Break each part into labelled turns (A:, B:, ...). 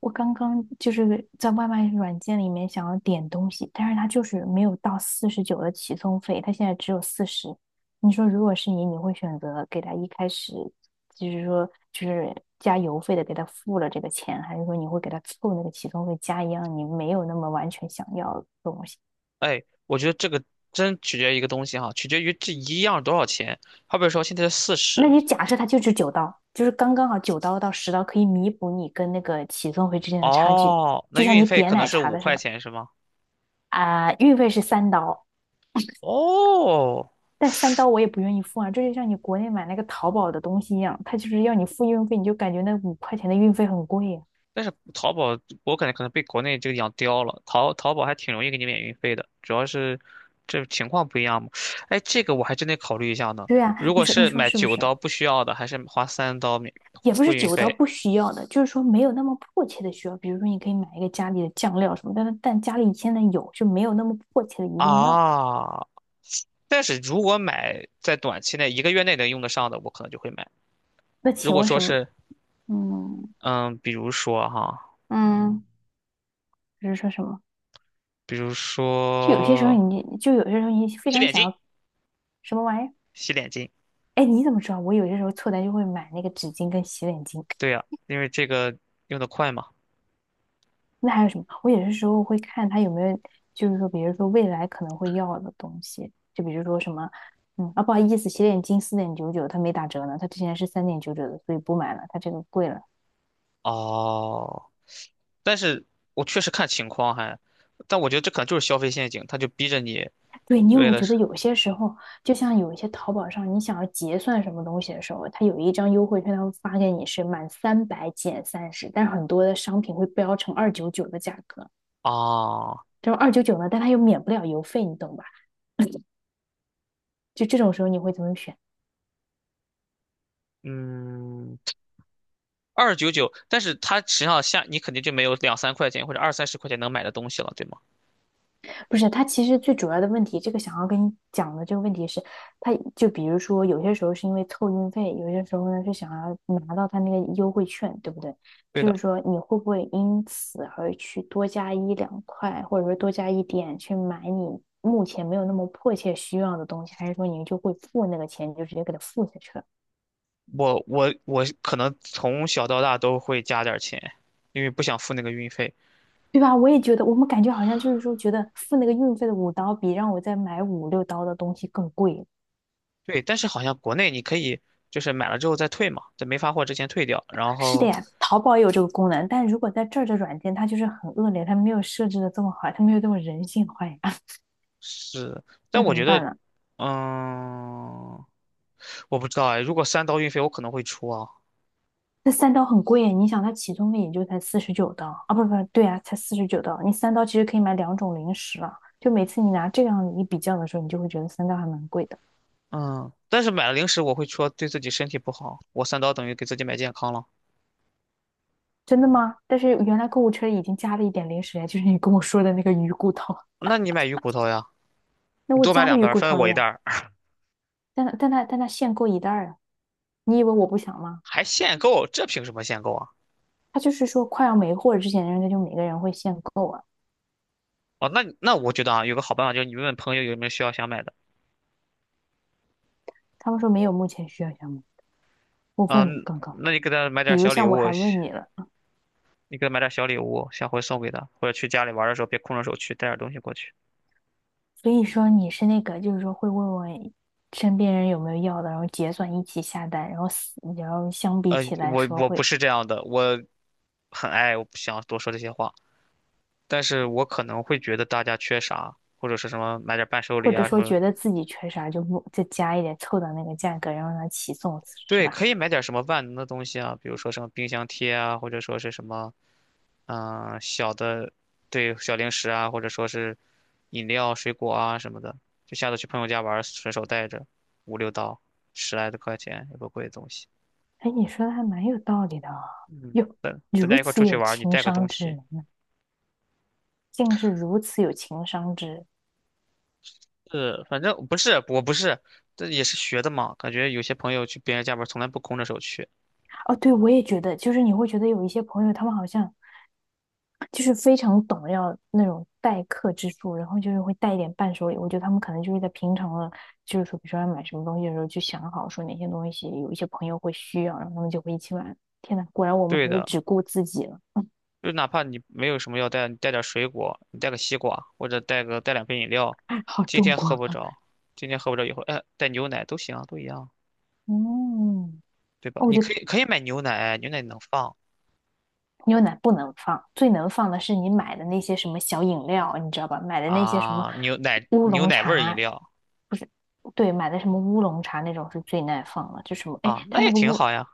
A: 我刚刚就是在外卖软件里面想要点东西，但是它就是没有到四十九的起送费，它现在只有四十。你说如果是你，你会选择给他一开始就是说就是加邮费的给他付了这个钱，还是说你会给他凑那个起送费加一样你没有那么完全想要的东西？
B: 哎，我觉得这个真取决于一个东西哈，取决于这一样多少钱。好比说现在是四
A: 那
B: 十，
A: 你假设它就是九刀，就是刚刚好九刀到十刀可以弥补你跟那个起送费之间的差距，
B: 哦，那
A: 就像
B: 运
A: 你
B: 费
A: 点
B: 可能
A: 奶
B: 是
A: 茶
B: 五
A: 的时
B: 块
A: 候
B: 钱是吗？
A: 啊、运费是三刀。
B: 哦，
A: 但三刀我也不愿意付啊，这就像你国内买那个淘宝的东西一样，它就是要你付运费，你就感觉那5块钱的运费很贵呀。
B: 但是淘宝我感觉可能被国内这个养刁了，淘宝还挺容易给你免运费的，主要是这情况不一样嘛。哎，这个我还真得考虑一下呢。
A: 对啊，
B: 如
A: 你
B: 果
A: 说你
B: 是
A: 说
B: 买
A: 是不
B: 九
A: 是？
B: 刀不需要的，还是花三刀免
A: 也不
B: 付
A: 是
B: 运
A: 九刀
B: 费
A: 不需要的，就是说没有那么迫切的需要。比如说，你可以买一个家里的酱料什么，但家里现在有，就没有那么迫切的一定要
B: 啊？但是如果买在短期内一个月内能用得上的，我可能就会买。
A: 那
B: 如
A: 请
B: 果
A: 问
B: 说
A: 什么？
B: 是
A: 嗯
B: 嗯，比如说哈，
A: 嗯，就是说什么？
B: 比如
A: 就有些时候
B: 说
A: 你就有些时候你非
B: 洗
A: 常
B: 脸
A: 想
B: 巾，
A: 要什么玩意儿？
B: 洗脸巾，
A: 哎，你怎么知道？我有些时候凑单就会买那个纸巾跟洗脸巾。
B: 对呀，因为这个用得快嘛。
A: 那还有什么？我有些时候会看他有没有，就是说，比如说未来可能会要的东西，就比如说什么，嗯，啊，不好意思，洗脸巾4.99，它没打折呢，它之前是3.99的，所以不买了，它这个贵了。
B: 哦，但是我确实看情况还，但我觉得这可能就是消费陷阱，他就逼着你
A: 对，你有没
B: 为
A: 有
B: 了
A: 觉得
B: 是
A: 有些时候，就像有一些淘宝上，你想要结算什么东西的时候，它有一张优惠券，它会发给你是满300减30，但是很多的商品会标成二九九的价格，
B: 哦，
A: 这种二九九呢，但它又免不了邮费，你懂吧？就这种时候，你会怎么选？
B: 嗯，299，但是它实际上下你肯定就没有两三块钱或者二三十块钱能买的东西了，对吗？
A: 不是，他其实最主要的问题，这个想要跟你讲的这个问题是，他就比如说有些时候是因为凑运费，有些时候呢是想要拿到他那个优惠券，对不对？
B: 对
A: 就
B: 的，
A: 是说你会不会因此而去多加一两块，或者说多加一点去买你目前没有那么迫切需要的东西，还是说你就会付那个钱，你就直接给他付下去了，
B: 我可能从小到大都会加点儿钱，因为不想付那个运费。
A: 对吧？我也觉得，我们感觉好像就是说，觉得付那个运费的五刀比让我再买五六刀的东西更贵。
B: 对，但是好像国内你可以就是买了之后再退嘛，在没发货之前退掉。然
A: 是的
B: 后
A: 呀，淘宝也有这个功能，但如果在这儿的软件，它就是很恶劣，它没有设置的这么好，它没有这么人性化呀，
B: 是，但
A: 那
B: 我
A: 怎
B: 觉
A: 么办
B: 得，
A: 呢？
B: 嗯，我不知道哎，如果三刀运费我可能会出啊，
A: 那三刀很贵耶，你想它起送费也就才四十九刀啊，不对啊，才四十九刀，你三刀其实可以买两种零食了。就每次你拿这样一比较的时候，你就会觉得三刀还蛮贵的，
B: 嗯，但是买了零食我会说对自己身体不好，我三刀等于给自己买健康了。
A: 真的吗？但是原来购物车里已经加了一点零食呀，就是你跟我说的那个鱼骨头，
B: 那你买鱼骨头呀，
A: 那
B: 你
A: 我
B: 多买
A: 加了
B: 两
A: 鱼
B: 袋儿
A: 骨
B: 分
A: 头了
B: 我一袋
A: 呀，
B: 儿，
A: 但它限购一袋啊，你以为我不想吗？
B: 还限购，这凭什么限购啊？
A: 他就是说快要没货之前，人家就每个人会限购啊。
B: 哦，那我觉得啊，有个好办法就是你问问朋友有没有需要想买的，
A: 他们说没有目前需要项目，我问了
B: 嗯，
A: 刚刚，
B: 那你给他买点
A: 比
B: 儿
A: 如
B: 小礼
A: 像我
B: 物，
A: 还问你了，
B: 你给他买点小礼物，下回送给他，或者去家里玩的时候别空着手去，带点东西过去。
A: 所以说你是那个就是说会问问身边人有没有要的，然后结算一起下单，然后死然后相比起来
B: 我
A: 说
B: 我不
A: 会，
B: 是这样的，我很爱，我不想多说这些话，但是我可能会觉得大家缺啥，或者是什么买点伴手
A: 或
B: 礼
A: 者
B: 啊什
A: 说
B: 么，
A: 觉得自己缺啥就不再加一点凑到那个价格，然后让它起送是
B: 对，
A: 吧？
B: 可以买点什么万能的东西啊，比如说什么冰箱贴啊，或者说是什么，小的，对，小零食啊，或者说是饮料、水果啊什么的，就下次去朋友家玩，顺手带着五六刀，十来的块钱，也不贵的东西。
A: 哎，你说的还蛮有道理的啊，
B: 嗯。
A: 哟，
B: 大
A: 如
B: 家一块儿
A: 此
B: 出去
A: 有
B: 玩儿你
A: 情
B: 带个
A: 商
B: 东
A: 之
B: 西。
A: 人呢，竟是如此有情商之人。
B: 是，反正不是，我不是，这也是学的嘛。感觉有些朋友去别人家玩儿从来不空着手去。
A: 哦，对，我也觉得，就是你会觉得有一些朋友，他们好像就是非常懂要那种待客之术，然后就是会带一点伴手礼。我觉得他们可能就是在平常的，就是说，比如说要买什么东西的时候，就想好说哪些东西有一些朋友会需要，然后他们就会一起买。天呐，果然我们
B: 对
A: 还是
B: 的，
A: 只顾自己了，
B: 就哪怕你没有什么要带，你带点儿水果，你带个西瓜，或者带个带两瓶饮料。
A: 好
B: 今
A: 中
B: 天
A: 国
B: 喝不
A: 啊！
B: 着，今天喝不着以后，哎，带牛奶都行啊，都一样，
A: 嗯，
B: 对吧？
A: 哦，我
B: 你
A: 觉得
B: 可以买牛奶，牛奶能放
A: 牛奶不能放，最能放的是你买的那些什么小饮料，你知道吧？买的那些什么
B: 啊，牛奶
A: 乌
B: 牛
A: 龙
B: 奶味儿饮
A: 茶，
B: 料
A: 对，买的什么乌龙茶那种是最耐放了，就什么，哎，
B: 啊，那
A: 它那
B: 也
A: 个
B: 挺
A: 乌，
B: 好呀。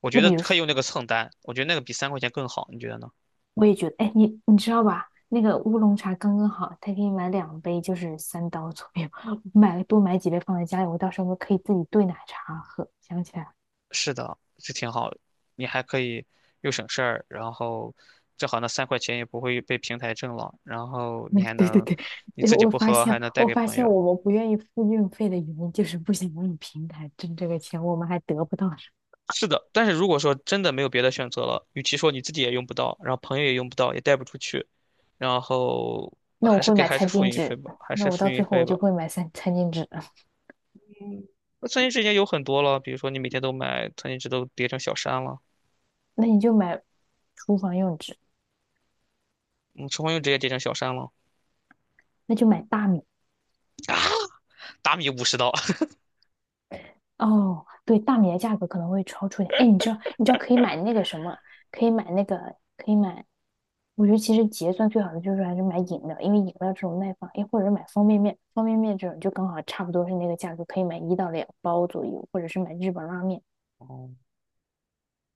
B: 我觉
A: 那
B: 得
A: 比如
B: 可
A: 说，
B: 以用那个蹭单，我觉得那个比三块钱更好，你觉得呢？
A: 我也觉得，哎，你知道吧？那个乌龙茶刚刚好，他可以买两杯，就是三刀左右，买了多买几杯放在家里，我到时候可以自己兑奶茶喝。想起来了，
B: 是的，这挺好，你还可以又省事儿，然后正好那三块钱也不会被平台挣了，然后你 还
A: 对对
B: 能
A: 对，
B: 你
A: 因
B: 自
A: 为
B: 己
A: 我
B: 不
A: 发
B: 喝，
A: 现，
B: 还能带
A: 我
B: 给
A: 发
B: 朋
A: 现
B: 友。
A: 我们不愿意付运费的原因就是不想让平台挣这个钱，我们还得不到什么。
B: 是的，但是如果说真的没有别的选择了，与其说你自己也用不到，然后朋友也用不到，也带不出去，然后
A: 那我会买
B: 还是
A: 餐
B: 付
A: 巾
B: 运费
A: 纸，
B: 吧，还
A: 那
B: 是
A: 我
B: 付
A: 到
B: 运
A: 最后
B: 费
A: 我
B: 吧。
A: 就会买三餐巾纸，
B: 嗯，那餐巾纸已经有很多了，比如说你每天都买餐巾纸都叠成小山了，
A: 那你就买厨房用纸，
B: 嗯，厨房用纸也叠成小山了，
A: 那就买大米
B: 啊，达米五十刀。
A: 哦，对，大米的价格可能会超出一点。哎，你知道，你知道可以买那个什么，可以买那个，可以买。我觉得其实结算最好的就是还是买饮料，因为饮料这种耐放，哎，或者是买方便面，方便面这种就刚好差不多是那个价格，可以买一到两包左右，或者是买日本拉面。
B: 哦，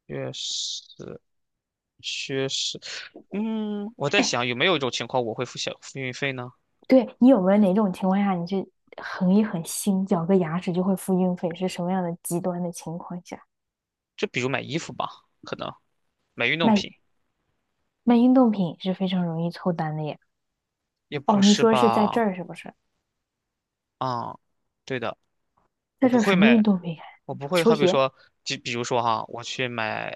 B: 确实，确实，我在
A: 哎，
B: 想有没有一种情况我会付小付运费呢？
A: 对，你有没有哪种情况下你是横一横心，咬个牙齿就会付运费？是什么样的极端的情况下？
B: 就比如买衣服吧，可能买运动
A: 卖
B: 品
A: 卖运动品是非常容易凑单的耶。
B: 也不
A: 哦，你
B: 是
A: 说是在这
B: 吧？
A: 儿是不是？
B: 啊、对的，我
A: 在这
B: 不
A: 儿
B: 会
A: 什么运
B: 买，
A: 动可以看？
B: 我不会
A: 球
B: 好比
A: 鞋。
B: 说，就比如说哈，我去买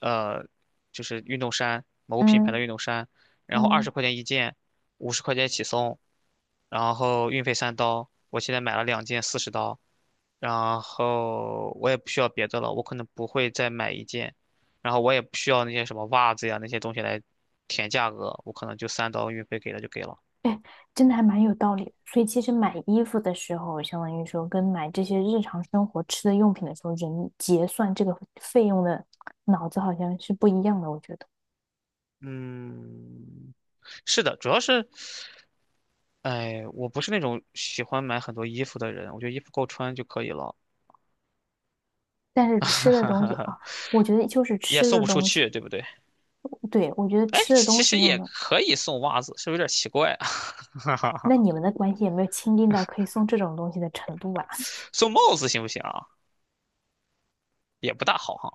B: 呃，就是运动衫，某品牌的
A: 嗯
B: 运动衫，然后二十
A: 嗯，
B: 块钱一件，50块钱起送，然后运费三刀，我现在买了两件四十刀，然后我也不需要别的了，我可能不会再买一件，然后我也不需要那些什么袜子呀那些东西来填价格，我可能就三刀运费给了就给了。
A: 哎，真的还蛮有道理的。所以其实买衣服的时候，相当于说跟买这些日常生活吃的用品的时候，人结算这个费用的脑子好像是不一样的，我觉得。
B: 嗯，是的，主要是，哎，我不是那种喜欢买很多衣服的人，我觉得衣服够穿就可以了，
A: 但是吃的东西啊，我觉得就是
B: 也
A: 吃
B: 送不
A: 的
B: 出
A: 东西，
B: 去，对不对？
A: 对，我觉得
B: 哎，
A: 吃的
B: 其
A: 东
B: 实
A: 西
B: 也
A: 用的，
B: 可以送袜子，是不是有点奇怪啊？
A: 那 你们的关系有没有亲近到可以送这种东西的程度啊？
B: 送帽子行不行啊？也不大好哈，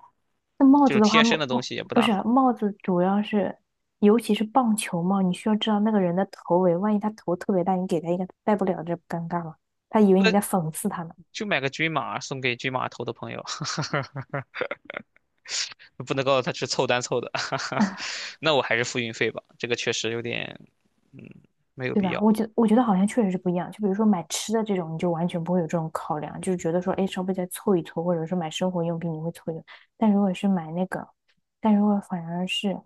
A: 那帽
B: 这
A: 子
B: 种
A: 的话，
B: 贴身的东西也不
A: 不
B: 大
A: 是
B: 好。
A: 帽子，主要是尤其是棒球帽，你需要知道那个人的头围，万一他头特别大，你给他一个他戴不了，这不尴尬吗？他以为你在
B: 那
A: 讽刺他呢，
B: 就买个均码送给均码头的朋友，不能告诉他是凑单凑的，那我还是付运费吧，这个确实有点，嗯，没有
A: 对
B: 必
A: 吧？我
B: 要。
A: 觉我觉得好像确实是不一样。就比如说买吃的这种，你就完全不会有这种考量，就是觉得说，哎，稍微再凑一凑，或者说买生活用品，你会凑一凑。但如果是买那个，但如果反而是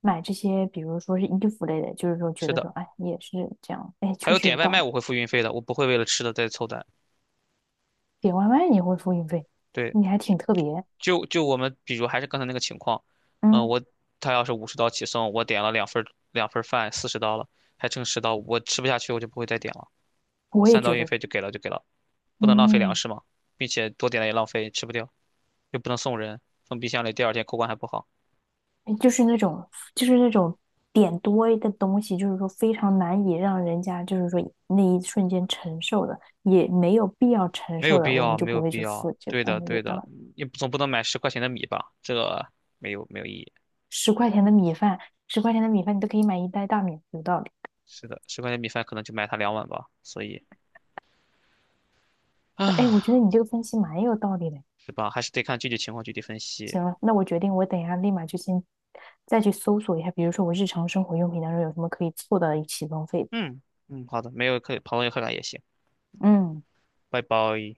A: 买这些，比如说是衣服类的，就是说觉
B: 是
A: 得
B: 的，
A: 说，哎，也是这样，哎，
B: 还
A: 确
B: 有
A: 实有
B: 点外
A: 道
B: 卖
A: 理。
B: 我会付运费的，我不会为了吃的再凑单。
A: 点外卖你会付运费，
B: 对，
A: 你还挺特别。
B: 就我们比如还是刚才那个情况，嗯，
A: 嗯
B: 他要是五十刀起送，我点了两份儿饭，四十刀了，还剩十刀，我吃不下去我就不会再点了，
A: 我也
B: 三
A: 觉
B: 刀运
A: 得，
B: 费就给了就给了，不能浪费粮
A: 嗯，
B: 食嘛，并且多点了也浪费，吃不掉，又不能送人，放冰箱里第二天口感还不好。
A: 就是那种，就是那种点多的东西，就是说非常难以让人家，就是说那一瞬间承受的，也没有必要承
B: 没有
A: 受的，
B: 必
A: 我们
B: 要，
A: 就
B: 没
A: 不
B: 有
A: 会
B: 必
A: 去
B: 要。
A: 付。这个，
B: 对的，
A: 嗯，有
B: 对
A: 道
B: 的，
A: 理。
B: 你总不能买十块钱的米吧？这个没有意义。
A: 十块钱的米饭，十块钱的米饭你都可以买一袋大米，有道理。
B: 是的，十块钱米饭可能就买它两碗吧，所以
A: 哎，我觉
B: 啊，
A: 得你这个分析蛮有道理的。
B: 是吧？还是得看具体情况具体分析。
A: 行了，那我决定，我等一下立马就先再去搜索一下，比如说我日常生活用品当中有什么可以凑到一起浪费的
B: 嗯嗯，好的，没有客朋友客感也行，
A: 嗯，
B: 拜拜。